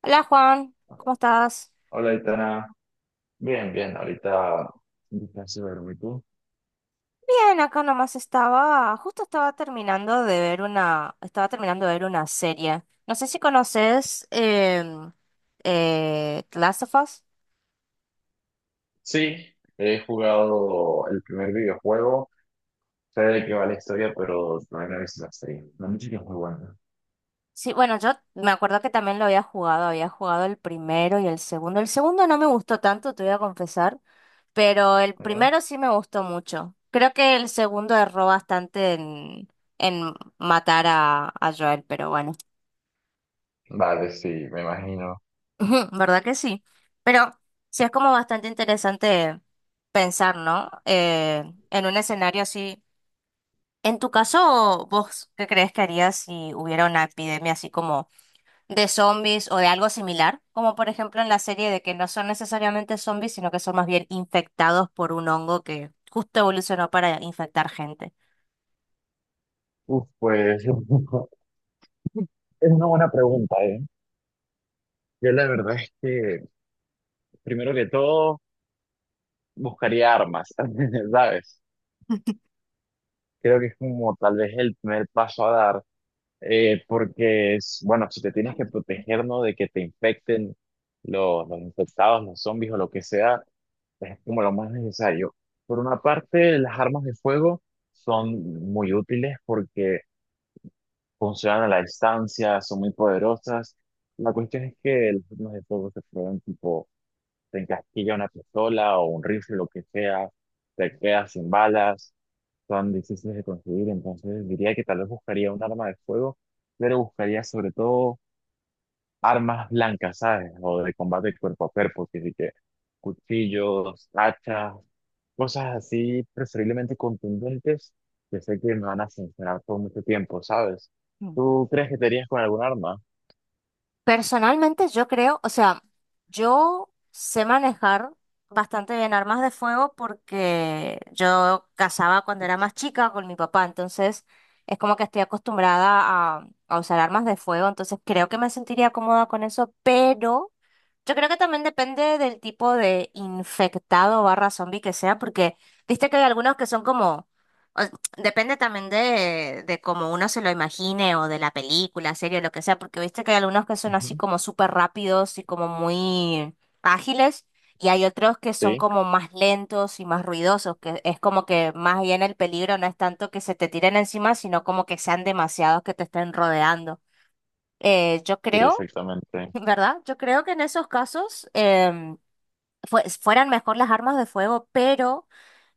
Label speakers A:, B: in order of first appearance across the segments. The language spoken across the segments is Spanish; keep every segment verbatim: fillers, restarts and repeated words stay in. A: Hola Juan, ¿cómo estás?
B: Hola, Itana. Bien, bien. Ahorita casi duermo. ¿Y tú?
A: Bien, acá nomás estaba, justo estaba terminando de ver una, estaba terminando de ver una serie. No sé si conoces em, eh, The Last of Us.
B: Sí, he jugado el primer videojuego. Sé de qué va la historia, pero no he visto la serie. La música es muy buena.
A: Sí, bueno, yo me acuerdo que también lo había jugado, había jugado el primero y el segundo. El segundo no me gustó tanto, te voy a confesar, pero el
B: Ujú.
A: primero sí me gustó mucho. Creo que el segundo erró bastante en, en matar a, a Joel, pero bueno.
B: Vale, sí, me imagino.
A: Ujú, ¿verdad que sí? Pero sí es como bastante interesante pensar, ¿no? Eh, en un escenario así. En tu caso, ¿vos qué crees que harías si hubiera una epidemia así como de zombies o de algo similar? Como por ejemplo en la serie de que no son necesariamente zombies, sino que son más bien infectados por un hongo que justo evolucionó para infectar gente.
B: Uf, pues es una buena pregunta, ¿eh? Yo la verdad es que, primero que todo, buscaría armas, ¿sabes? Creo que es como tal vez el primer paso a dar. Eh, porque es, bueno, si te tienes que proteger, ¿no? De que te infecten los, los infectados, los zombies o lo que sea, es como lo más necesario. Por una parte, las armas de fuego son muy útiles porque funcionan a la distancia, son muy poderosas. La cuestión es que las armas de fuego se prueban tipo, te encasquilla una pistola o un rifle, lo que sea, te quedas sin balas tan difíciles de conseguir, entonces diría que tal vez buscaría un arma de fuego, pero buscaría sobre todo armas blancas, ¿sabes? O de combate cuerpo a cuerpo, que sí que cuchillos, hachas, cosas así preferiblemente contundentes, que sé que me van a funcionar por mucho tiempo, ¿sabes? ¿Tú crees que te irías con algún arma?
A: Personalmente yo creo, o sea, yo sé manejar bastante bien armas de fuego porque yo cazaba cuando era más chica con mi papá, entonces es como que estoy acostumbrada a, a usar armas de fuego, entonces creo que me sentiría cómoda con eso, pero... Yo creo que también depende del tipo de infectado barra zombie que sea, porque viste que hay algunos que son como, o- depende también de, de cómo uno se lo imagine o de la película, serie, lo que sea, porque viste que hay algunos que son así
B: Ujú.
A: como súper rápidos y como muy ágiles, y hay otros que son
B: Sí,
A: como más lentos y más ruidosos, que es como que más bien el peligro no es tanto que se te tiren encima, sino como que sean demasiados que te estén rodeando. Eh, yo
B: sí,
A: creo.
B: exactamente.
A: ¿Verdad? Yo creo que en esos casos em, fue- fueran mejor las armas de fuego, pero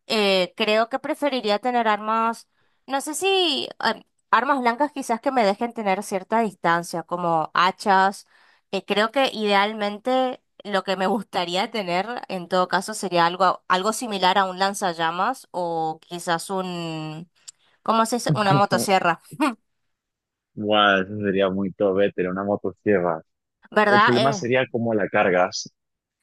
A: eh, creo que preferiría tener armas, no sé si em, armas blancas quizás que me dejen tener cierta distancia, como hachas, que creo que idealmente lo que me gustaría tener en todo caso sería algo, algo similar a un lanzallamas o quizás un, ¿cómo se dice? Una motosierra,
B: Guau, eso sería muy top, eh, tener una motosierra. El
A: ¿verdad?
B: problema
A: Eh,
B: sería cómo la cargas.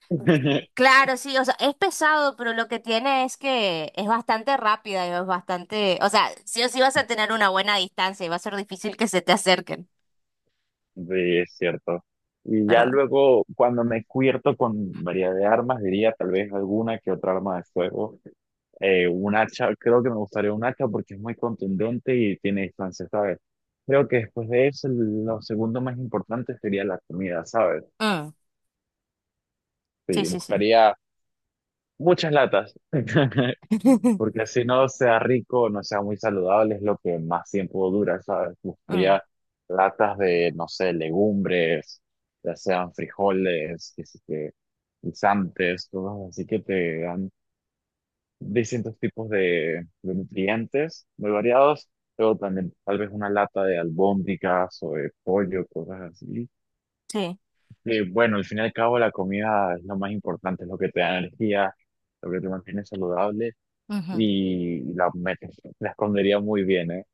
A: Claro, sí, o sea, es pesado, pero lo que tiene es que es bastante rápida y es bastante, o sea, sí o sí vas a tener una buena distancia y va a ser difícil que se te acerquen,
B: Sí, es cierto. Y ya
A: ¿verdad?
B: luego, cuando me cubierto con variedad de armas, diría tal vez alguna que otra arma de fuego. Eh, un hacha, creo que me gustaría un hacha porque es muy contundente y tiene distancia, ¿sabes? Creo que después de eso, lo segundo más importante sería la comida, ¿sabes?
A: Mm, sí,
B: Sí,
A: sí, sí.
B: buscaría muchas latas. Porque así no sea rico, no sea muy saludable, es lo que más tiempo dura, ¿sabes?
A: Mm,
B: Buscaría latas de, no sé, legumbres, ya sean frijoles, que sí que guisantes, cosas así que te dan distintos tipos de, de nutrientes muy variados. Luego también tal vez una lata de albóndigas o de pollo, cosas así.
A: sí.
B: Que bueno, al fin y al cabo la comida es lo más importante, es lo que te da energía, lo que te mantiene saludable
A: Ujú.
B: y la, me- la escondería muy bien, ¿eh?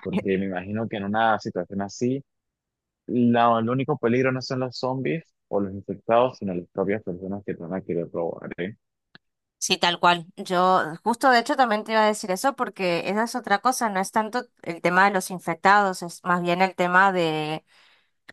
B: Porque me imagino que en una situación así, la- el único peligro no son los zombies o los infectados, sino las propias personas que te van a querer robar, ¿eh?
A: Sí, tal cual. Yo justo de hecho también te iba a decir eso porque esa es otra cosa, no es tanto el tema de los infectados, es más bien el tema de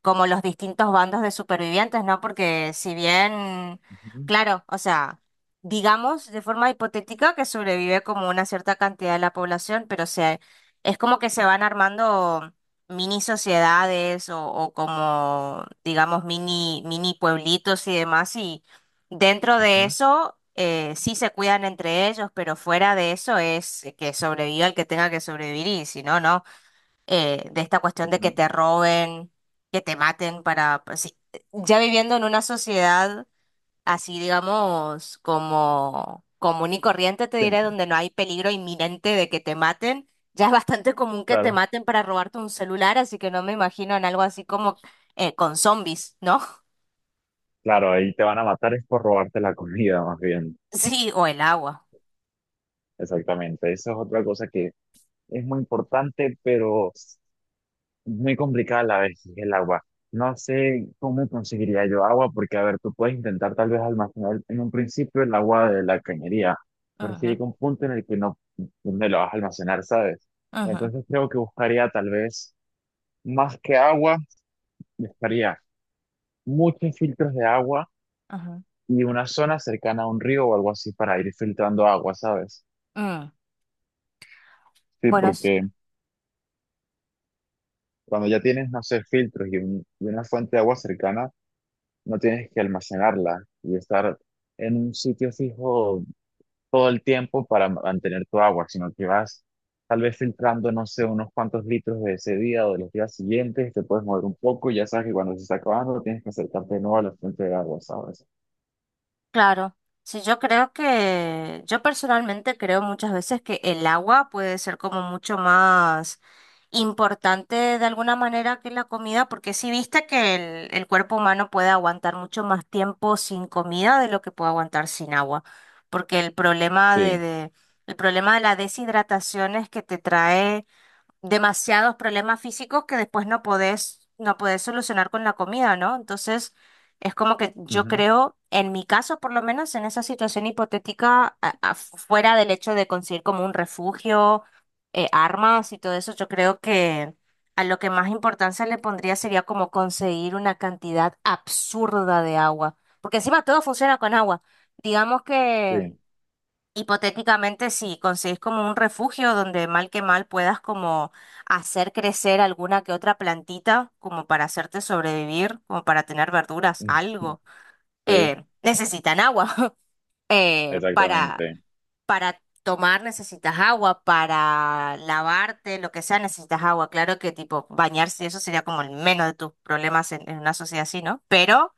A: como los distintos bandos de supervivientes, ¿no? Porque si bien,
B: Ujú,
A: claro, o sea, digamos de forma hipotética que sobrevive como una cierta cantidad de la población, pero se, es como que se van armando mini sociedades o, o como, digamos, mini, mini pueblitos y demás, y dentro de
B: ujú,
A: eso... eh, sí se cuidan entre ellos, pero fuera de eso es que sobreviva el que tenga que sobrevivir y si no, no. eh, de esta cuestión de que
B: ujú.
A: te roben, que te maten para, pues, sí, ya viviendo en una sociedad así, digamos, como común y corriente, te
B: Sí,
A: diré, donde no hay peligro inminente de que te maten, ya es bastante común que te
B: claro,
A: maten para robarte un celular, así que no me imagino en algo así como eh, con zombies, ¿no?
B: claro, ahí te van a matar es por robarte la comida, más bien.
A: Sí, o el agua.
B: Exactamente, eso es otra cosa que es muy importante, pero muy complicada la vez el agua. No sé cómo conseguiría yo agua, porque a ver, tú puedes intentar tal vez almacenar en un principio el agua de la cañería, pero si
A: Ujú,
B: llega un punto en el que no me lo vas a almacenar, ¿sabes?
A: ujú,
B: Entonces creo que buscaría tal vez más que agua, buscaría muchos filtros de agua
A: ujú.
B: y una zona cercana a un río o algo así para ir filtrando agua, ¿sabes?
A: Mm.
B: Sí,
A: Bueno,
B: porque cuando ya tienes, no sé, filtros y, un- y una fuente de agua cercana, no tienes que almacenarla y estar en un sitio fijo todo el tiempo para mantener tu agua, sino que vas tal vez filtrando, no sé, unos cuantos litros de ese día o de los días siguientes, te puedes mover un poco y ya sabes que cuando se está acabando tienes que acercarte de nuevo a la fuente de agua, ¿sabes?
A: claro, sí, yo creo que, yo personalmente creo muchas veces que el agua puede ser como mucho más importante de alguna manera que la comida, porque si viste que el, el cuerpo humano puede aguantar mucho más tiempo sin comida de lo que puede aguantar sin agua, porque el problema de,
B: Sí,
A: de- el problema de la deshidratación es que te trae demasiados problemas físicos que después no podés, no podés solucionar con la comida, ¿no? Entonces, es como que yo
B: ujú,
A: creo, en mi caso, por lo menos en esa situación hipotética, a- a- fuera del hecho de conseguir como un refugio, eh, armas y todo eso, yo creo que a lo que más importancia le pondría sería como conseguir una cantidad absurda de agua, porque encima todo funciona con agua. Digamos
B: sí,
A: que... hipotéticamente, si conseguís como un refugio donde mal que mal puedas como hacer crecer alguna que otra plantita, como para hacerte sobrevivir, como para tener verduras, algo.
B: sí,
A: Eh, necesitan agua. Eh, para,
B: exactamente.
A: para tomar necesitas agua, para lavarte, lo que sea, necesitas agua. Claro que tipo bañarse, eso sería como el menos de tus problemas en, en una sociedad así, ¿no? Pero...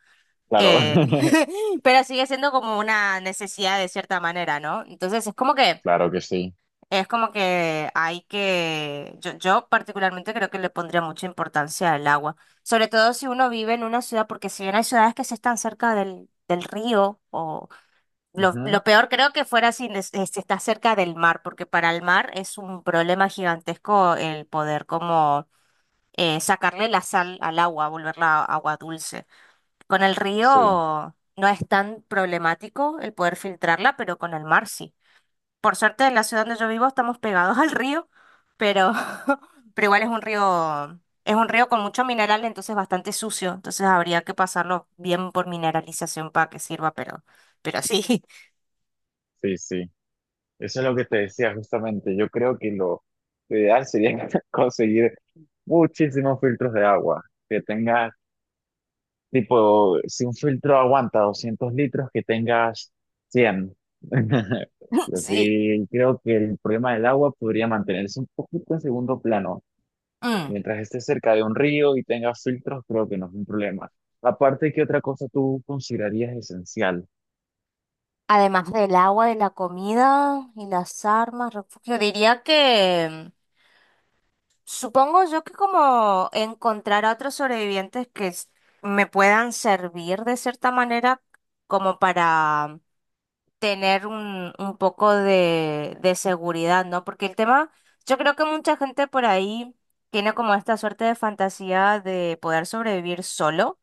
B: Claro,
A: eh, pero sigue siendo como una necesidad de cierta manera, ¿no? Entonces es como que
B: claro que sí.
A: es como que hay que, yo, yo particularmente creo que le pondría mucha importancia al agua, sobre todo si uno vive en una ciudad, porque si bien hay ciudades que se están cerca del, del río, o lo,
B: Ujú,
A: lo peor creo que fuera si, nes- eh, si está cerca del mar, porque para el mar es un problema gigantesco el poder como eh, sacarle la sal al agua, volverla agua dulce. Con el
B: sí,
A: río no es tan problemático el poder filtrarla, pero con el mar sí. Por suerte, en la ciudad donde yo vivo estamos pegados al río, pero, pero igual es un río, es un río con mucho mineral, entonces bastante sucio. Entonces habría que pasarlo bien por mineralización para que sirva, pero, pero sí,
B: sí, sí. Eso es lo que te decía justamente. Yo creo que lo lo ideal sería conseguir muchísimos filtros de agua. Que tengas, tipo, si un filtro aguanta doscientos litros, que tengas cien. Pero
A: sí.
B: sí, creo que el problema del agua podría mantenerse un poquito en segundo plano.
A: Mm.
B: Mientras estés cerca de un río y tengas filtros, creo que no es un problema. Aparte, ¿qué otra cosa tú considerarías esencial?
A: Además del agua, de la comida y las armas, refugio, diría que supongo yo que como encontrar a otros sobrevivientes que s- me puedan servir de cierta manera como para tener un, un poco de, de seguridad, ¿no? Porque el tema, yo creo que mucha gente por ahí tiene como esta suerte de fantasía de poder sobrevivir solo,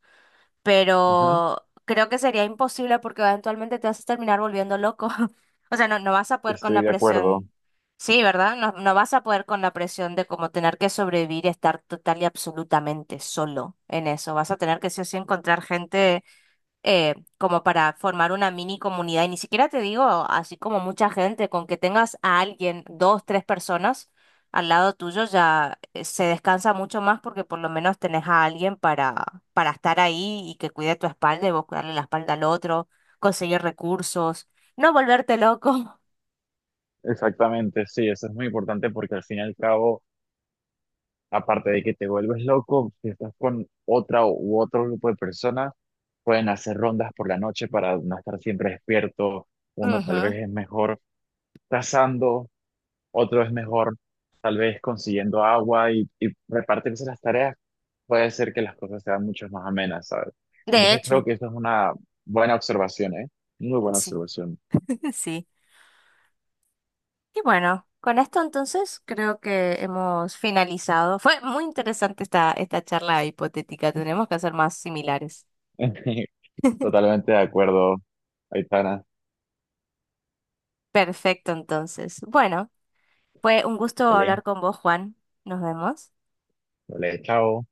B: Ujú,
A: pero creo que sería imposible porque eventualmente te vas a terminar volviendo loco. O sea, no, no vas a poder con
B: estoy
A: la
B: de
A: presión,
B: acuerdo.
A: sí, ¿verdad? No, no vas a poder con la presión de como tener que sobrevivir, y estar total y absolutamente solo en eso. Vas a tener que sí o sí encontrar gente eh, como para formar una mini comunidad. Y ni siquiera te digo así como mucha gente, con que tengas a alguien, dos, tres personas al lado tuyo ya eh, se descansa mucho más porque por lo menos tenés a alguien para, para estar ahí y que cuide tu espalda y vos cuidarle la espalda al otro, conseguir recursos, no volverte loco.
B: Exactamente, sí, eso es muy importante porque al fin y al cabo aparte de que te vuelves loco, si estás con otra u otro grupo de personas, pueden hacer rondas por la noche para no estar siempre despierto. Uno tal vez
A: Ujú.
B: es mejor cazando, otro es mejor tal vez consiguiendo agua y, y repartirse las tareas puede ser que las cosas sean mucho más amenas, ¿sabes?
A: De
B: Entonces
A: hecho,
B: creo que eso es una buena observación, ¿eh? Muy buena
A: sí,
B: observación.
A: sí. Y bueno, con esto entonces creo que hemos finalizado. Fue muy interesante esta, esta charla hipotética. Tenemos que hacer más similares.
B: Totalmente de acuerdo, Aitana.
A: Perfecto, entonces. Bueno, fue un gusto hablar
B: Vale,
A: con vos, Juan. Nos vemos.
B: vale, chao.